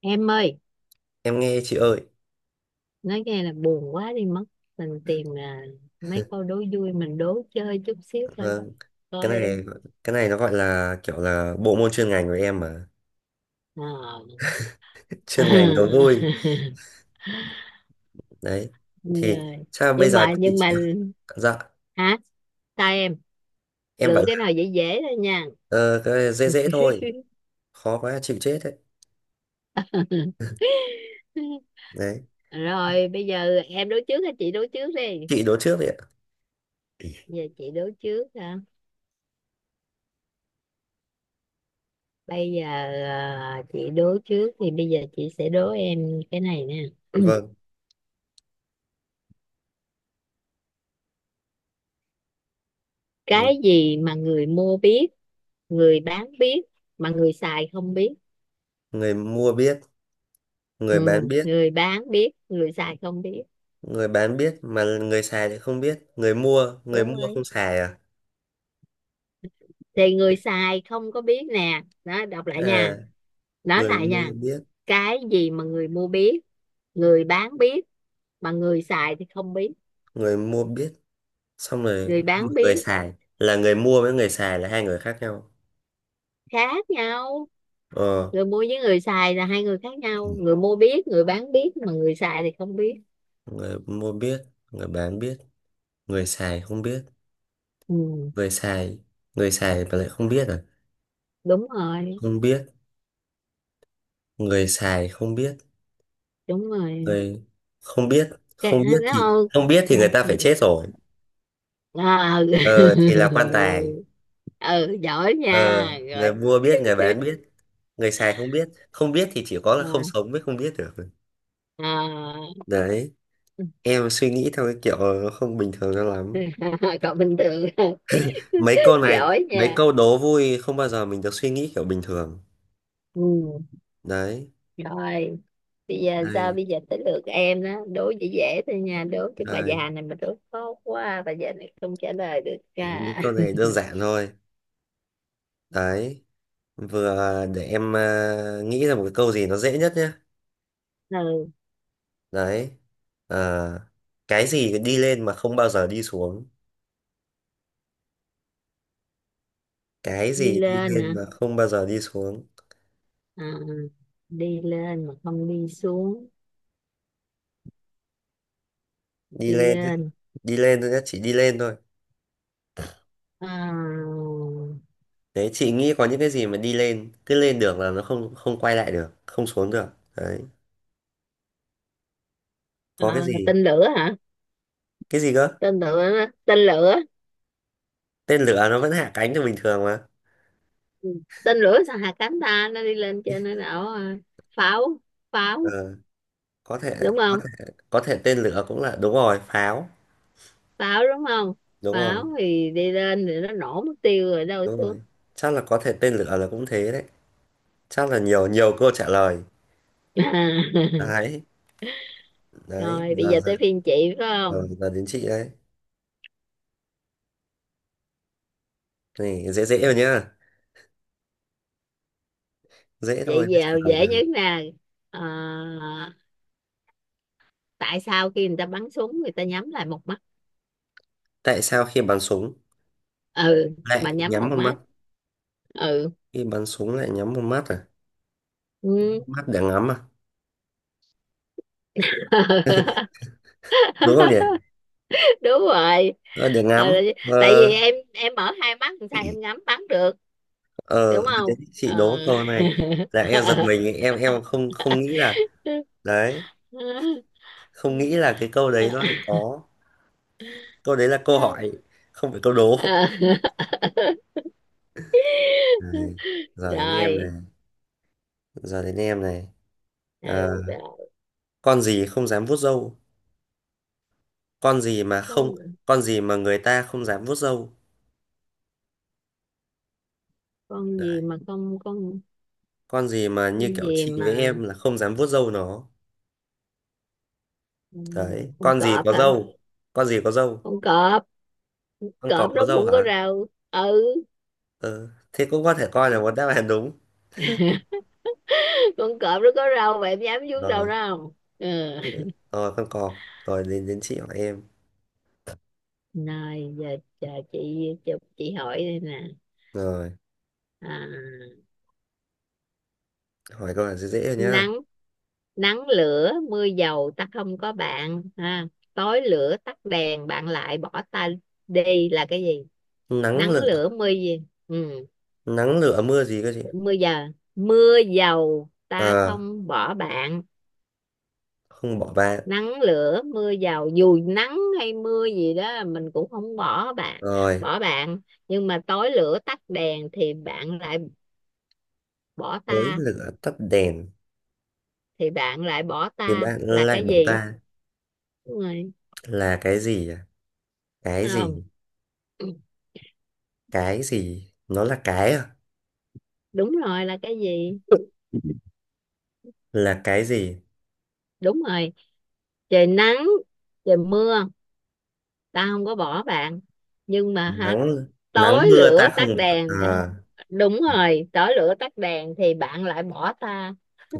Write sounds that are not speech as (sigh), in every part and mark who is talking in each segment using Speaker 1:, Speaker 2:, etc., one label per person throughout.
Speaker 1: Em ơi,
Speaker 2: Em nghe chị ơi.
Speaker 1: nói nghe là buồn quá đi mất. Mình tìm à, mấy câu đố vui mình đố chơi chút xíu thôi,
Speaker 2: ờ, cái
Speaker 1: coi
Speaker 2: này
Speaker 1: em.
Speaker 2: cái này nó gọi là kiểu là bộ môn chuyên ngành của em mà.
Speaker 1: Ờ.
Speaker 2: (laughs) Chuyên ngành nó vui
Speaker 1: (laughs)
Speaker 2: đấy. Thì
Speaker 1: Rồi,
Speaker 2: sao bây
Speaker 1: nhưng
Speaker 2: giờ
Speaker 1: mà
Speaker 2: chị
Speaker 1: nhưng mà
Speaker 2: chỉ học? Dạ,
Speaker 1: hả, sai em,
Speaker 2: em bảo
Speaker 1: lựa cái nào
Speaker 2: là
Speaker 1: dễ dễ thôi nha.
Speaker 2: ờ, cái dễ dễ thôi. Khó quá chịu chết đấy
Speaker 1: (laughs)
Speaker 2: đấy
Speaker 1: Rồi bây giờ em đố trước hay chị đố trước đi?
Speaker 2: Chị đố trước vậy ạ.
Speaker 1: Giờ chị đố trước hả? Bây giờ à, chị đố trước thì bây giờ chị sẽ đố em cái này nè. (clears throat)
Speaker 2: Vâng. Ừ.
Speaker 1: Cái gì mà người mua biết, người bán biết, mà người xài không biết?
Speaker 2: Người mua biết, người bán
Speaker 1: Ừ,
Speaker 2: biết.
Speaker 1: người bán biết, người xài không biết.
Speaker 2: Mà người xài thì không biết. người mua người
Speaker 1: Đúng
Speaker 2: mua
Speaker 1: rồi,
Speaker 2: không xài à?
Speaker 1: thì người xài không có biết nè đó, đọc lại nha,
Speaker 2: À,
Speaker 1: nói
Speaker 2: người
Speaker 1: lại
Speaker 2: mua
Speaker 1: nha.
Speaker 2: biết.
Speaker 1: Cái gì mà người mua biết, người bán biết, mà người xài thì không biết?
Speaker 2: người mua biết xong rồi,
Speaker 1: Người
Speaker 2: nhưng mà
Speaker 1: bán
Speaker 2: người
Speaker 1: biết.
Speaker 2: xài, là người mua với người xài là hai người khác nhau.
Speaker 1: Khác nhau.
Speaker 2: Ờ.
Speaker 1: Người mua với người xài là hai người khác
Speaker 2: Ừ.
Speaker 1: nhau, người mua biết, người bán biết, mà người xài thì không biết.
Speaker 2: Người mua biết, người bán biết, người xài không biết.
Speaker 1: Ừ,
Speaker 2: người xài người xài mà lại không biết à?
Speaker 1: đúng rồi.
Speaker 2: Không biết. Người xài không biết.
Speaker 1: Đúng rồi,
Speaker 2: người không biết.
Speaker 1: cái nó thôi.
Speaker 2: Không biết thì người ta phải chết rồi.
Speaker 1: À, à.
Speaker 2: Ờ, thì
Speaker 1: (laughs)
Speaker 2: là quan tài.
Speaker 1: Ừ, giỏi
Speaker 2: Ờ,
Speaker 1: nha. Rồi.
Speaker 2: người mua biết, người bán biết, người xài không biết. Không biết thì chỉ có là
Speaker 1: À,
Speaker 2: không sống mới không biết được.
Speaker 1: à.
Speaker 2: Đấy, em suy nghĩ theo cái kiểu nó không bình thường cho lắm.
Speaker 1: (laughs) Còn bình thường.
Speaker 2: Mấy
Speaker 1: (laughs)
Speaker 2: câu này,
Speaker 1: Giỏi
Speaker 2: mấy
Speaker 1: nha.
Speaker 2: câu đố vui không bao giờ mình được suy nghĩ kiểu bình thường.
Speaker 1: Ừ.
Speaker 2: Đấy.
Speaker 1: Rồi bây giờ, sao
Speaker 2: Đây,
Speaker 1: bây giờ tới lượt em đó, đố dễ dễ thôi nha, đố cái bà
Speaker 2: đây
Speaker 1: già này mà đố khó quá bà già này không trả lời được cả.
Speaker 2: những câu này đơn giản
Speaker 1: (laughs)
Speaker 2: thôi. Đấy, vừa để em nghĩ ra một cái câu gì nó dễ nhất nhé.
Speaker 1: Ừ.
Speaker 2: Đấy. À, cái gì đi lên mà không bao giờ đi xuống? Cái
Speaker 1: Đi
Speaker 2: gì đi
Speaker 1: lên
Speaker 2: lên
Speaker 1: nè.
Speaker 2: mà không bao giờ đi xuống?
Speaker 1: À, đi lên mà không đi xuống.
Speaker 2: Đi
Speaker 1: Đi
Speaker 2: lên nhé,
Speaker 1: lên.
Speaker 2: đi lên thôi nhé, chỉ đi lên thôi.
Speaker 1: À.
Speaker 2: Đấy, chị nghĩ có những cái gì mà đi lên cứ lên được là nó không không quay lại được, không xuống được. Đấy, có cái
Speaker 1: À,
Speaker 2: gì?
Speaker 1: tên lửa hả?
Speaker 2: Cái gì cơ?
Speaker 1: Tên lửa, tên lửa.
Speaker 2: Tên lửa nó vẫn hạ cánh như bình thường mà.
Speaker 1: Ừ. Tên lửa sao hạ cánh ta, nó đi lên trên nó đảo à, pháo, pháo,
Speaker 2: Ờ, có thể.
Speaker 1: đúng
Speaker 2: có
Speaker 1: không?
Speaker 2: thể có thể tên lửa cũng là đúng rồi, pháo.
Speaker 1: Pháo đúng không?
Speaker 2: Đúng
Speaker 1: Pháo
Speaker 2: rồi.
Speaker 1: thì đi lên thì nó nổ mất tiêu rồi đâu
Speaker 2: Đúng
Speaker 1: xuống.
Speaker 2: rồi, chắc là có thể tên lửa là cũng thế đấy. Chắc là nhiều nhiều câu trả lời.
Speaker 1: À. (laughs)
Speaker 2: Đấy. đấy
Speaker 1: Rồi bây
Speaker 2: giờ
Speaker 1: giờ
Speaker 2: giờ
Speaker 1: tới phiên chị, phải
Speaker 2: giờ,
Speaker 1: không?
Speaker 2: đến chị đấy. Này dễ dễ rồi nhá, dễ thôi
Speaker 1: Chị
Speaker 2: mới trả
Speaker 1: vào
Speaker 2: lời
Speaker 1: dễ nhất
Speaker 2: được.
Speaker 1: nè. À, tại sao khi người ta bắn súng người ta nhắm lại một mắt?
Speaker 2: Tại sao khi bắn súng
Speaker 1: Ừ,
Speaker 2: lại
Speaker 1: mà nhắm
Speaker 2: nhắm
Speaker 1: một
Speaker 2: một mắt?
Speaker 1: mắt. Ừ.
Speaker 2: Khi bắn súng lại nhắm một mắt à?
Speaker 1: Ừ.
Speaker 2: Mắt để ngắm à?
Speaker 1: (laughs)
Speaker 2: Đúng không nhỉ?
Speaker 1: Đúng rồi.
Speaker 2: Ờ, để
Speaker 1: Ờ,
Speaker 2: ngắm.
Speaker 1: tại
Speaker 2: Ờ.
Speaker 1: vì em mở hai mắt làm sao em ngắm bắn được, đúng
Speaker 2: Ờ, đến
Speaker 1: không?
Speaker 2: chị
Speaker 1: Ờ.
Speaker 2: đố câu này là em giật mình,
Speaker 1: (laughs)
Speaker 2: em không không nghĩ là, đấy, không nghĩ là cái câu đấy nó lại có. Câu đấy là câu hỏi, không phải câu đố.
Speaker 1: Ờ.
Speaker 2: Này, giờ đến em này.
Speaker 1: Rồi.
Speaker 2: giờ đến em này
Speaker 1: Ừ,
Speaker 2: Ờ,
Speaker 1: rồi.
Speaker 2: con gì không dám vuốt râu? Con gì mà không,
Speaker 1: con
Speaker 2: con gì mà người ta không dám vuốt râu?
Speaker 1: con gì
Speaker 2: Đấy,
Speaker 1: mà con,
Speaker 2: con gì mà như
Speaker 1: con
Speaker 2: kiểu
Speaker 1: gì
Speaker 2: chị với
Speaker 1: mà
Speaker 2: em là không dám vuốt râu nó? Đấy,
Speaker 1: con
Speaker 2: con gì
Speaker 1: cọp
Speaker 2: có
Speaker 1: hả?
Speaker 2: râu? Con gì có râu?
Speaker 1: Con cọp,
Speaker 2: Con cọp
Speaker 1: cọp
Speaker 2: có
Speaker 1: nó
Speaker 2: râu
Speaker 1: cũng có
Speaker 2: hả?
Speaker 1: râu, ừ.
Speaker 2: Ừ, thế cũng có thể coi là một đáp án đúng.
Speaker 1: (laughs) Con cọp nó có râu mà em dám vuốt râu
Speaker 2: Rồi,
Speaker 1: nó không? Ừ.
Speaker 2: con cọp. Rồi đến, chị hỏi em.
Speaker 1: Rồi giờ chờ chị hỏi đây nè.
Speaker 2: Rồi,
Speaker 1: À,
Speaker 2: hỏi câu là dễ dễ rồi nhá.
Speaker 1: nắng, nắng lửa mưa dầu ta không có bạn ha, tối lửa tắt đèn bạn lại bỏ ta đi, là cái gì?
Speaker 2: Nắng
Speaker 1: Nắng
Speaker 2: lửa.
Speaker 1: lửa mưa gì? Ừ.
Speaker 2: Nắng lửa mưa gì cơ chị?
Speaker 1: Mưa giờ, mưa dầu ta
Speaker 2: À,
Speaker 1: không bỏ bạn,
Speaker 2: không bỏ bạn.
Speaker 1: nắng lửa mưa dầu dù nắng hay mưa gì đó mình cũng không bỏ bạn,
Speaker 2: Rồi,
Speaker 1: bỏ bạn, nhưng mà tối lửa tắt đèn thì bạn lại bỏ
Speaker 2: tối
Speaker 1: ta,
Speaker 2: lửa tắt đèn
Speaker 1: thì bạn lại bỏ
Speaker 2: thì
Speaker 1: ta
Speaker 2: bạn
Speaker 1: là
Speaker 2: lại
Speaker 1: cái
Speaker 2: bỏ
Speaker 1: gì?
Speaker 2: ta
Speaker 1: Đúng rồi.
Speaker 2: là cái gì à? Cái gì?
Speaker 1: Không. (clears throat)
Speaker 2: Cái gì? Nó là cái à?
Speaker 1: Đúng rồi, là cái gì?
Speaker 2: (laughs) Là cái gì?
Speaker 1: Đúng rồi. Trời nắng, trời mưa tao không có bỏ bạn, nhưng mà hả,
Speaker 2: Nắng,
Speaker 1: tối
Speaker 2: nắng mưa ta
Speaker 1: lửa tắt
Speaker 2: không bỏ
Speaker 1: đèn.
Speaker 2: à?
Speaker 1: (laughs) Đúng rồi, tối lửa tắt đèn thì bạn lại bỏ ta.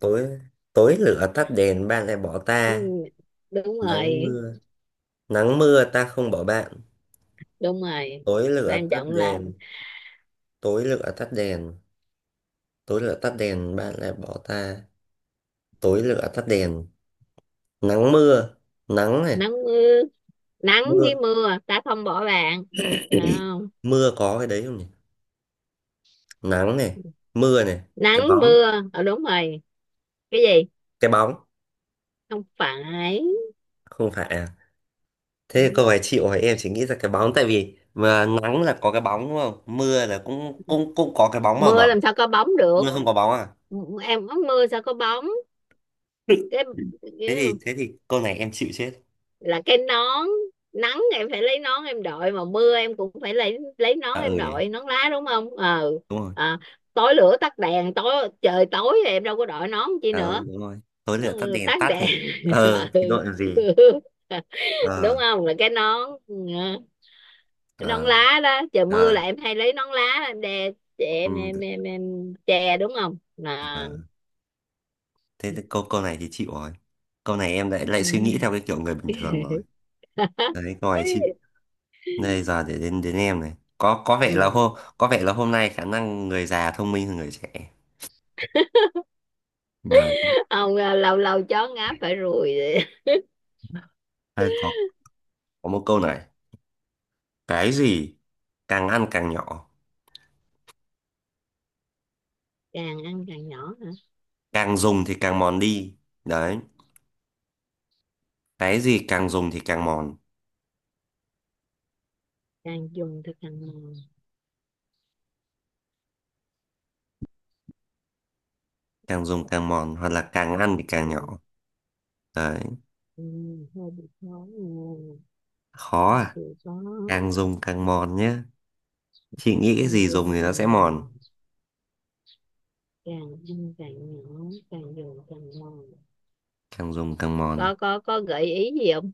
Speaker 2: Tối, tối lửa tắt đèn bạn lại bỏ
Speaker 1: Ừ,
Speaker 2: ta.
Speaker 1: đúng
Speaker 2: Nắng
Speaker 1: rồi.
Speaker 2: mưa, nắng mưa ta không bỏ bạn.
Speaker 1: Đúng rồi,
Speaker 2: Tối lửa
Speaker 1: quan
Speaker 2: tắt
Speaker 1: trọng là
Speaker 2: đèn, tối lửa tắt đèn, bạn lại bỏ ta. Tối lửa tắt đèn, nắng mưa, nắng này,
Speaker 1: nắng mưa, nắng
Speaker 2: mưa,
Speaker 1: với mưa ta không bỏ bạn, không?
Speaker 2: có cái đấy không nhỉ? Nắng này, mưa này.
Speaker 1: Nắng
Speaker 2: Cái bóng.
Speaker 1: mưa, ờ đúng rồi. Cái gì?
Speaker 2: Cái bóng.
Speaker 1: Không phải,
Speaker 2: Không phải à? Thế cô phải chịu, hỏi em chỉ nghĩ ra cái bóng, tại vì mà nắng là có cái bóng, đúng không, mưa là cũng cũng cũng có cái bóng mà
Speaker 1: mưa
Speaker 2: mà
Speaker 1: làm sao có bóng được,
Speaker 2: Mưa không có bóng à?
Speaker 1: em có mưa sao có bóng.
Speaker 2: (laughs)
Speaker 1: Cái,
Speaker 2: Thế thì câu này em chịu chết.
Speaker 1: là cái nón. Nắng em phải lấy nón em đội, mà mưa em cũng phải lấy nón
Speaker 2: À
Speaker 1: em
Speaker 2: ừ nhỉ.
Speaker 1: đội nón lá, đúng không? Ờ.
Speaker 2: Đúng rồi.
Speaker 1: À, tối lửa tắt đèn, tối trời tối thì em đâu có đội nón chi
Speaker 2: À ừ,
Speaker 1: nữa.
Speaker 2: đúng rồi, tối lửa tắt
Speaker 1: Ừ,
Speaker 2: đèn
Speaker 1: tắt
Speaker 2: tắt
Speaker 1: đèn.
Speaker 2: thì ờ thì đội làm
Speaker 1: (laughs)
Speaker 2: gì.
Speaker 1: Ừ. Đúng
Speaker 2: Ờ.
Speaker 1: không, là cái nón. Ừ, cái nón
Speaker 2: Ờ.
Speaker 1: lá đó, trời mưa
Speaker 2: Ờ.
Speaker 1: là em hay lấy nón lá em đè che em, em
Speaker 2: Ừ.
Speaker 1: em em che, đúng không? À.
Speaker 2: Ờ. Thế thì câu câu này thì chịu rồi. Câu này em lại lại suy nghĩ
Speaker 1: Ừ.
Speaker 2: theo cái kiểu người bình thường rồi. Đấy, câu này chịu.
Speaker 1: (laughs)
Speaker 2: Đây, giờ để đến, em này. Có, vẻ là
Speaker 1: Ừ.
Speaker 2: hôm, có vẻ là hôm nay khả năng người già thông minh hơn người trẻ. Đấy.
Speaker 1: Ông à, lâu lâu chó ngáp phải ruồi.
Speaker 2: Hay có, một câu này. Cái gì càng ăn càng nhỏ,
Speaker 1: Càng ăn càng nhỏ hả?
Speaker 2: càng dùng thì càng mòn đi. Đấy. Cái gì càng dùng thì càng mòn,
Speaker 1: Càng dùng thì càng mòn.
Speaker 2: càng dùng càng mòn hoặc là càng ăn thì càng
Speaker 1: Mòn.
Speaker 2: nhỏ. Đấy.
Speaker 1: Ừ, hơi bị khó nghe.
Speaker 2: Khó à?
Speaker 1: Thì có,
Speaker 2: Càng dùng càng mòn nhé. Chị nghĩ cái
Speaker 1: càng
Speaker 2: gì dùng
Speaker 1: dùng
Speaker 2: thì nó
Speaker 1: càng
Speaker 2: sẽ
Speaker 1: mòn,
Speaker 2: mòn,
Speaker 1: càng ăn càng nhỏ, càng dùng càng mòn.
Speaker 2: càng dùng càng mòn.
Speaker 1: Có gợi ý gì không?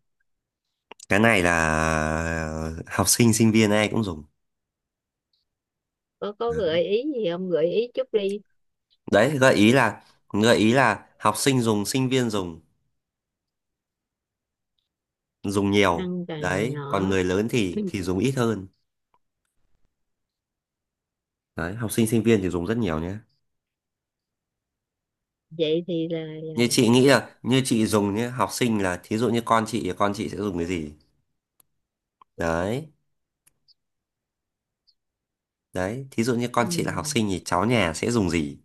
Speaker 2: Cái này là học sinh sinh viên ai cũng dùng.
Speaker 1: Có có gợi ý gì không, gợi ý chút đi.
Speaker 2: Đấy, gợi ý là, học sinh dùng, sinh viên dùng, dùng nhiều.
Speaker 1: Ăn càng
Speaker 2: Đấy,
Speaker 1: nhỏ.
Speaker 2: còn người lớn thì
Speaker 1: (clears throat)
Speaker 2: dùng ít hơn. Đấy, học sinh sinh viên thì dùng rất nhiều nhé.
Speaker 1: Vậy thì là,
Speaker 2: Như chị
Speaker 1: là
Speaker 2: nghĩ là như chị dùng nhé, học sinh là thí dụ như con chị thì con chị sẽ dùng cái gì. Đấy. Đấy, thí dụ như
Speaker 1: Ừ,
Speaker 2: con chị là học sinh thì cháu nhà sẽ dùng gì?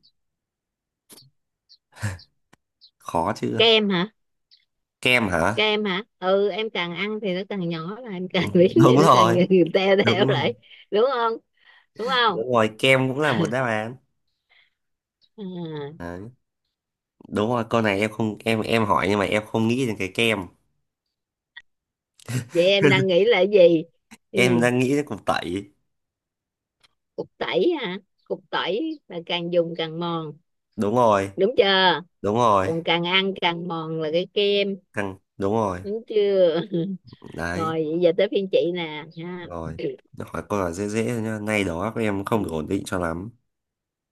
Speaker 2: Khó chưa?
Speaker 1: kem hả?
Speaker 2: Kem hả?
Speaker 1: Kem hả? Ừ, em càng ăn thì nó càng nhỏ, là em
Speaker 2: (laughs) Ừ,
Speaker 1: càng biến
Speaker 2: đúng
Speaker 1: thì nó càng
Speaker 2: rồi.
Speaker 1: (laughs) teo
Speaker 2: đúng
Speaker 1: teo
Speaker 2: rồi
Speaker 1: lại, đúng không? Đúng không?
Speaker 2: đúng rồi, kem cũng là một đáp án.
Speaker 1: À.
Speaker 2: Đấy. Đúng rồi, câu này em không, em hỏi nhưng mà em không nghĩ đến cái kem.
Speaker 1: Vậy em đang
Speaker 2: (laughs)
Speaker 1: nghĩ là cái gì? Ừ.
Speaker 2: Em đang nghĩ đến cục tẩy.
Speaker 1: Cục tẩy hả? Cục tẩy là càng dùng càng mòn,
Speaker 2: Đúng rồi.
Speaker 1: đúng chưa?
Speaker 2: Đúng rồi.
Speaker 1: Còn càng ăn càng mòn là cái kem,
Speaker 2: Căng đúng rồi.
Speaker 1: đúng chưa? (laughs)
Speaker 2: Đấy.
Speaker 1: Rồi vậy giờ tới phiên chị nè ha.
Speaker 2: Rồi, hỏi câu là dễ dễ thôi nhá. Nay đó các em không được
Speaker 1: Ừ.
Speaker 2: ổn định cho lắm.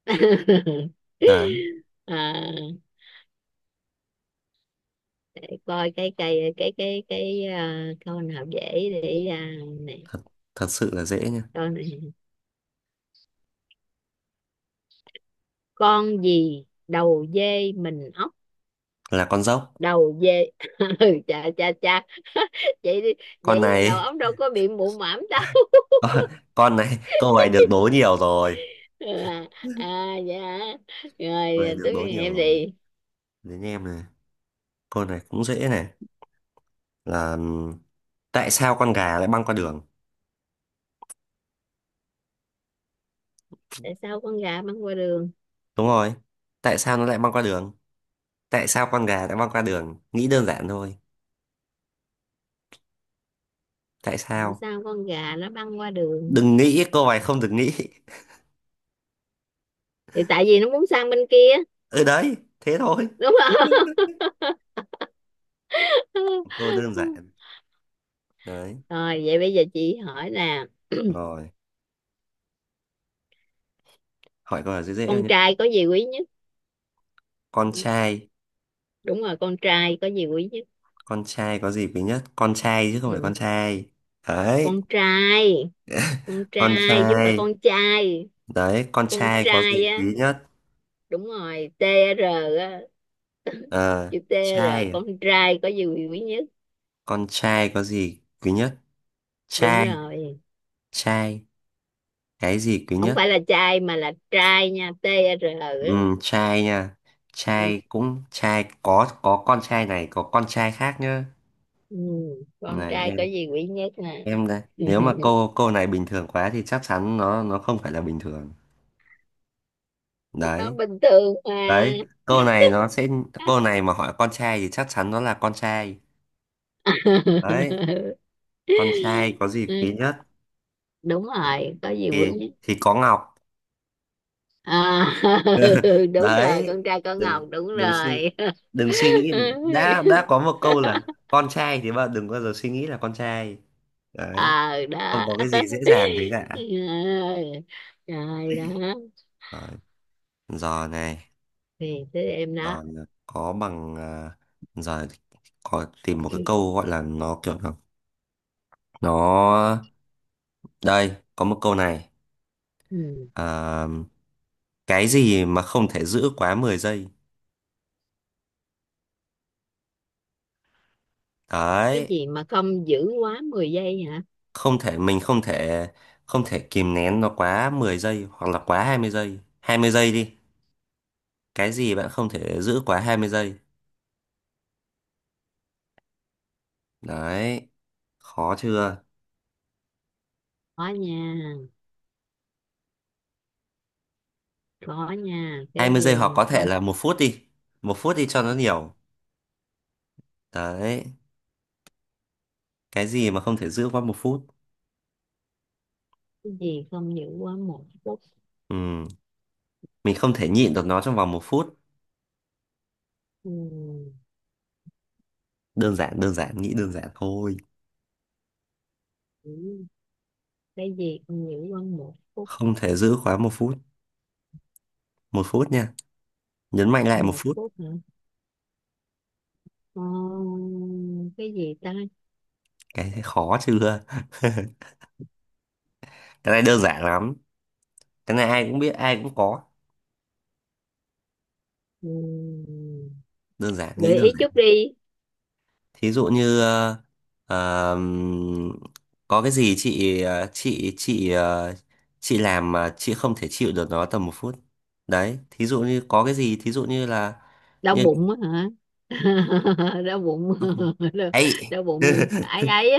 Speaker 1: (laughs)
Speaker 2: Đấy.
Speaker 1: À, để coi cái cây cái à, câu nào dễ để à, này,
Speaker 2: Thật, sự là dễ nhá.
Speaker 1: câu này: con gì đầu dê mình ốc?
Speaker 2: Là con dốc.
Speaker 1: Đầu dê. (laughs) Ừ, chà chà chà. (laughs) Vậy đi,
Speaker 2: Con
Speaker 1: vậy đầu
Speaker 2: này.
Speaker 1: óc đâu có bị mụ mảm đâu.
Speaker 2: (laughs) Con, này câu này được đố nhiều rồi.
Speaker 1: (laughs) À, à dạ.
Speaker 2: Câu này
Speaker 1: Rồi
Speaker 2: được
Speaker 1: tức
Speaker 2: đố nhiều
Speaker 1: em
Speaker 2: rồi.
Speaker 1: đi.
Speaker 2: Đến em này. Câu này cũng dễ này. Là tại sao con gà lại băng qua đường?
Speaker 1: Tại sao con gà băng qua đường?
Speaker 2: Đúng rồi, tại sao nó lại băng qua đường? Tại sao con gà lại băng qua đường, nghĩ đơn giản thôi. Tại
Speaker 1: Tại
Speaker 2: sao?
Speaker 1: sao con gà nó băng qua đường?
Speaker 2: Đừng nghĩ câu này không được nghĩ. (laughs)
Speaker 1: Thì tại vì nó muốn sang bên kia,
Speaker 2: Ừ, đấy, thế thôi.
Speaker 1: đúng không?
Speaker 2: Câu đơn giản.
Speaker 1: (laughs)
Speaker 2: Đấy.
Speaker 1: Rồi vậy bây giờ chị hỏi là
Speaker 2: Rồi, hỏi câu là dễ dễ thôi
Speaker 1: con
Speaker 2: nhé.
Speaker 1: trai có gì quý nhất?
Speaker 2: Con trai.
Speaker 1: Đúng rồi, con trai có gì quý nhất.
Speaker 2: Con trai có gì quý nhất. Con trai chứ không phải con
Speaker 1: Ừ.
Speaker 2: trai. Đấy.
Speaker 1: Con trai. Con
Speaker 2: Con
Speaker 1: trai chứ không
Speaker 2: trai.
Speaker 1: phải con trai.
Speaker 2: Đấy, con
Speaker 1: Con
Speaker 2: trai có gì
Speaker 1: trai á,
Speaker 2: quý nhất.
Speaker 1: đúng rồi. Tr, á,
Speaker 2: Ờ.
Speaker 1: chữ T, là
Speaker 2: Trai à?
Speaker 1: con trai có gì quý nhất.
Speaker 2: Con trai có gì quý nhất.
Speaker 1: Đúng
Speaker 2: Trai.
Speaker 1: rồi,
Speaker 2: Trai, cái gì quý
Speaker 1: không
Speaker 2: nhất.
Speaker 1: phải là trai mà là trai nha, T, R.
Speaker 2: Ừ, trai nha.
Speaker 1: Ừ.
Speaker 2: Trai, cũng trai có, con trai này có con trai khác nhá.
Speaker 1: Ừ. Con
Speaker 2: Này
Speaker 1: trai có
Speaker 2: em
Speaker 1: gì quý nhất nè.
Speaker 2: em đây nếu mà
Speaker 1: (laughs)
Speaker 2: câu câu này bình thường quá thì chắc chắn nó không phải là bình thường.
Speaker 1: Nó
Speaker 2: Đấy.
Speaker 1: bình thường mà.
Speaker 2: Đấy, câu này nó sẽ, câu này mà hỏi con trai thì chắc chắn nó là con trai. Đấy.
Speaker 1: (laughs)
Speaker 2: Con trai có gì quý nhất?
Speaker 1: Đúng rồi, có gì
Speaker 2: Thì,
Speaker 1: quý nhất.
Speaker 2: có ngọc.
Speaker 1: À. (laughs) Đúng rồi,
Speaker 2: Đấy.
Speaker 1: con trai có
Speaker 2: Đừng,
Speaker 1: ngọc, đúng
Speaker 2: đừng suy
Speaker 1: rồi.
Speaker 2: đừng suy nghĩ đã có một câu là con trai thì bạn đừng bao giờ suy nghĩ là con trai.
Speaker 1: (laughs) Ờ
Speaker 2: Đấy, không
Speaker 1: đó.
Speaker 2: có cái gì dễ dàng thế
Speaker 1: (laughs)
Speaker 2: cả.
Speaker 1: Trời ơi, trời đó,
Speaker 2: Đấy. Giờ này,
Speaker 1: thì tới em đó.
Speaker 2: giờ là có bằng giờ có tìm một cái câu gọi là nó kiểu là nó, đây có một câu này.
Speaker 1: Ừ.
Speaker 2: Cái gì mà không thể giữ quá 10 giây.
Speaker 1: Cái
Speaker 2: Đấy.
Speaker 1: gì mà không giữ quá 10 giây hả?
Speaker 2: Không thể, mình không thể, không thể kìm nén nó quá 10 giây hoặc là quá 20 giây, 20 giây đi. Cái gì bạn không thể giữ quá 20 giây? Đấy, khó chưa?
Speaker 1: Có nha, có nha,
Speaker 2: hai
Speaker 1: cái
Speaker 2: mươi giây
Speaker 1: gì
Speaker 2: hoặc
Speaker 1: mà
Speaker 2: có thể
Speaker 1: không.
Speaker 2: là 1 phút đi, 1 phút đi cho nó nhiều. Đấy, cái gì mà không thể giữ quá 1 phút?
Speaker 1: Cái gì không giữ quá 1 phút?
Speaker 2: Ừ, mình không thể nhịn được nó trong vòng 1 phút.
Speaker 1: Ừ.
Speaker 2: Đơn giản, nghĩ đơn giản thôi.
Speaker 1: Ừ. Cái gì không giữ quá một phút,
Speaker 2: Không thể giữ quá một phút. Một phút nha, nhấn mạnh lại một
Speaker 1: một
Speaker 2: phút
Speaker 1: phút hả? Ờ, cái gì ta?
Speaker 2: Cái thấy khó chưa? (laughs) Cái này đơn giản lắm. Cái này ai cũng biết, ai cũng có.
Speaker 1: Ừ.
Speaker 2: Đơn giản, nghĩ
Speaker 1: Gợi
Speaker 2: đơn
Speaker 1: ý chút
Speaker 2: giản.
Speaker 1: đi.
Speaker 2: Thí dụ như ờm, có cái gì chị, chị làm mà chị không thể chịu được nó tầm 1 phút. Đấy, thí dụ như có cái gì, thí dụ như là,
Speaker 1: Đau
Speaker 2: như.
Speaker 1: bụng á hả? (laughs) Đau bụng.
Speaker 2: Ok.
Speaker 1: (laughs) Đau,
Speaker 2: Ấy.
Speaker 1: đau bụng
Speaker 2: (laughs)
Speaker 1: ấy ấy.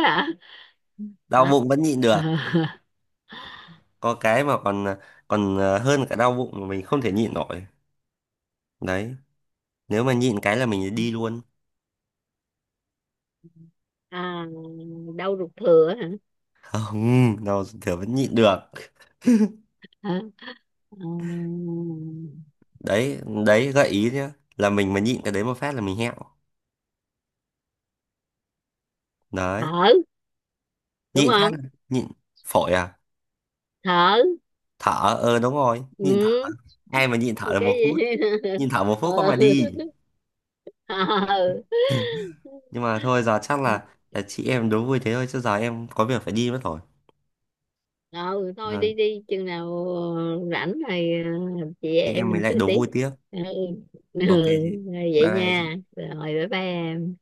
Speaker 2: Đau
Speaker 1: Hả?
Speaker 2: bụng vẫn nhịn được.
Speaker 1: Hả? (laughs)
Speaker 2: Có cái mà còn còn hơn cả đau bụng mà mình không thể nhịn nổi. Đấy, nếu mà nhịn cái là mình đi luôn.
Speaker 1: À, đau ruột thừa.
Speaker 2: (laughs) Không, đau thường vẫn nhịn được.
Speaker 1: Hả? Ừm.
Speaker 2: Đấy. Đấy, gợi ý nhá, là mình mà nhịn cái đấy một phát là mình hẹo. Đấy.
Speaker 1: Thở, đúng
Speaker 2: Nhịn phát
Speaker 1: không?
Speaker 2: là-, nhịn, phổi à?
Speaker 1: Thở.
Speaker 2: Thở. Ờ, đúng rồi,
Speaker 1: Ừ.
Speaker 2: nhịn thở. Ai mà nhịn thở được
Speaker 1: Cái
Speaker 2: 1 phút?
Speaker 1: gì? (laughs)
Speaker 2: Nhịn thở 1 phút có
Speaker 1: Ờ.
Speaker 2: mà đi.
Speaker 1: Ờ.
Speaker 2: (laughs) Nhưng mà thôi, giờ chắc là chị em đố vui thế thôi, chứ giờ em có việc phải đi mất rồi.
Speaker 1: Ờ, thôi
Speaker 2: Ừ.
Speaker 1: đi đi chừng nào, ờ, rảnh rồi, ờ, chị
Speaker 2: Thì
Speaker 1: em
Speaker 2: em mới
Speaker 1: mình
Speaker 2: lại
Speaker 1: chơi
Speaker 2: đố
Speaker 1: tiếp.
Speaker 2: vui tiếp.
Speaker 1: Ừ. Ừ.
Speaker 2: Ok chị.
Speaker 1: Rồi
Speaker 2: Bye
Speaker 1: vậy
Speaker 2: bye.
Speaker 1: nha, rồi bye bye em.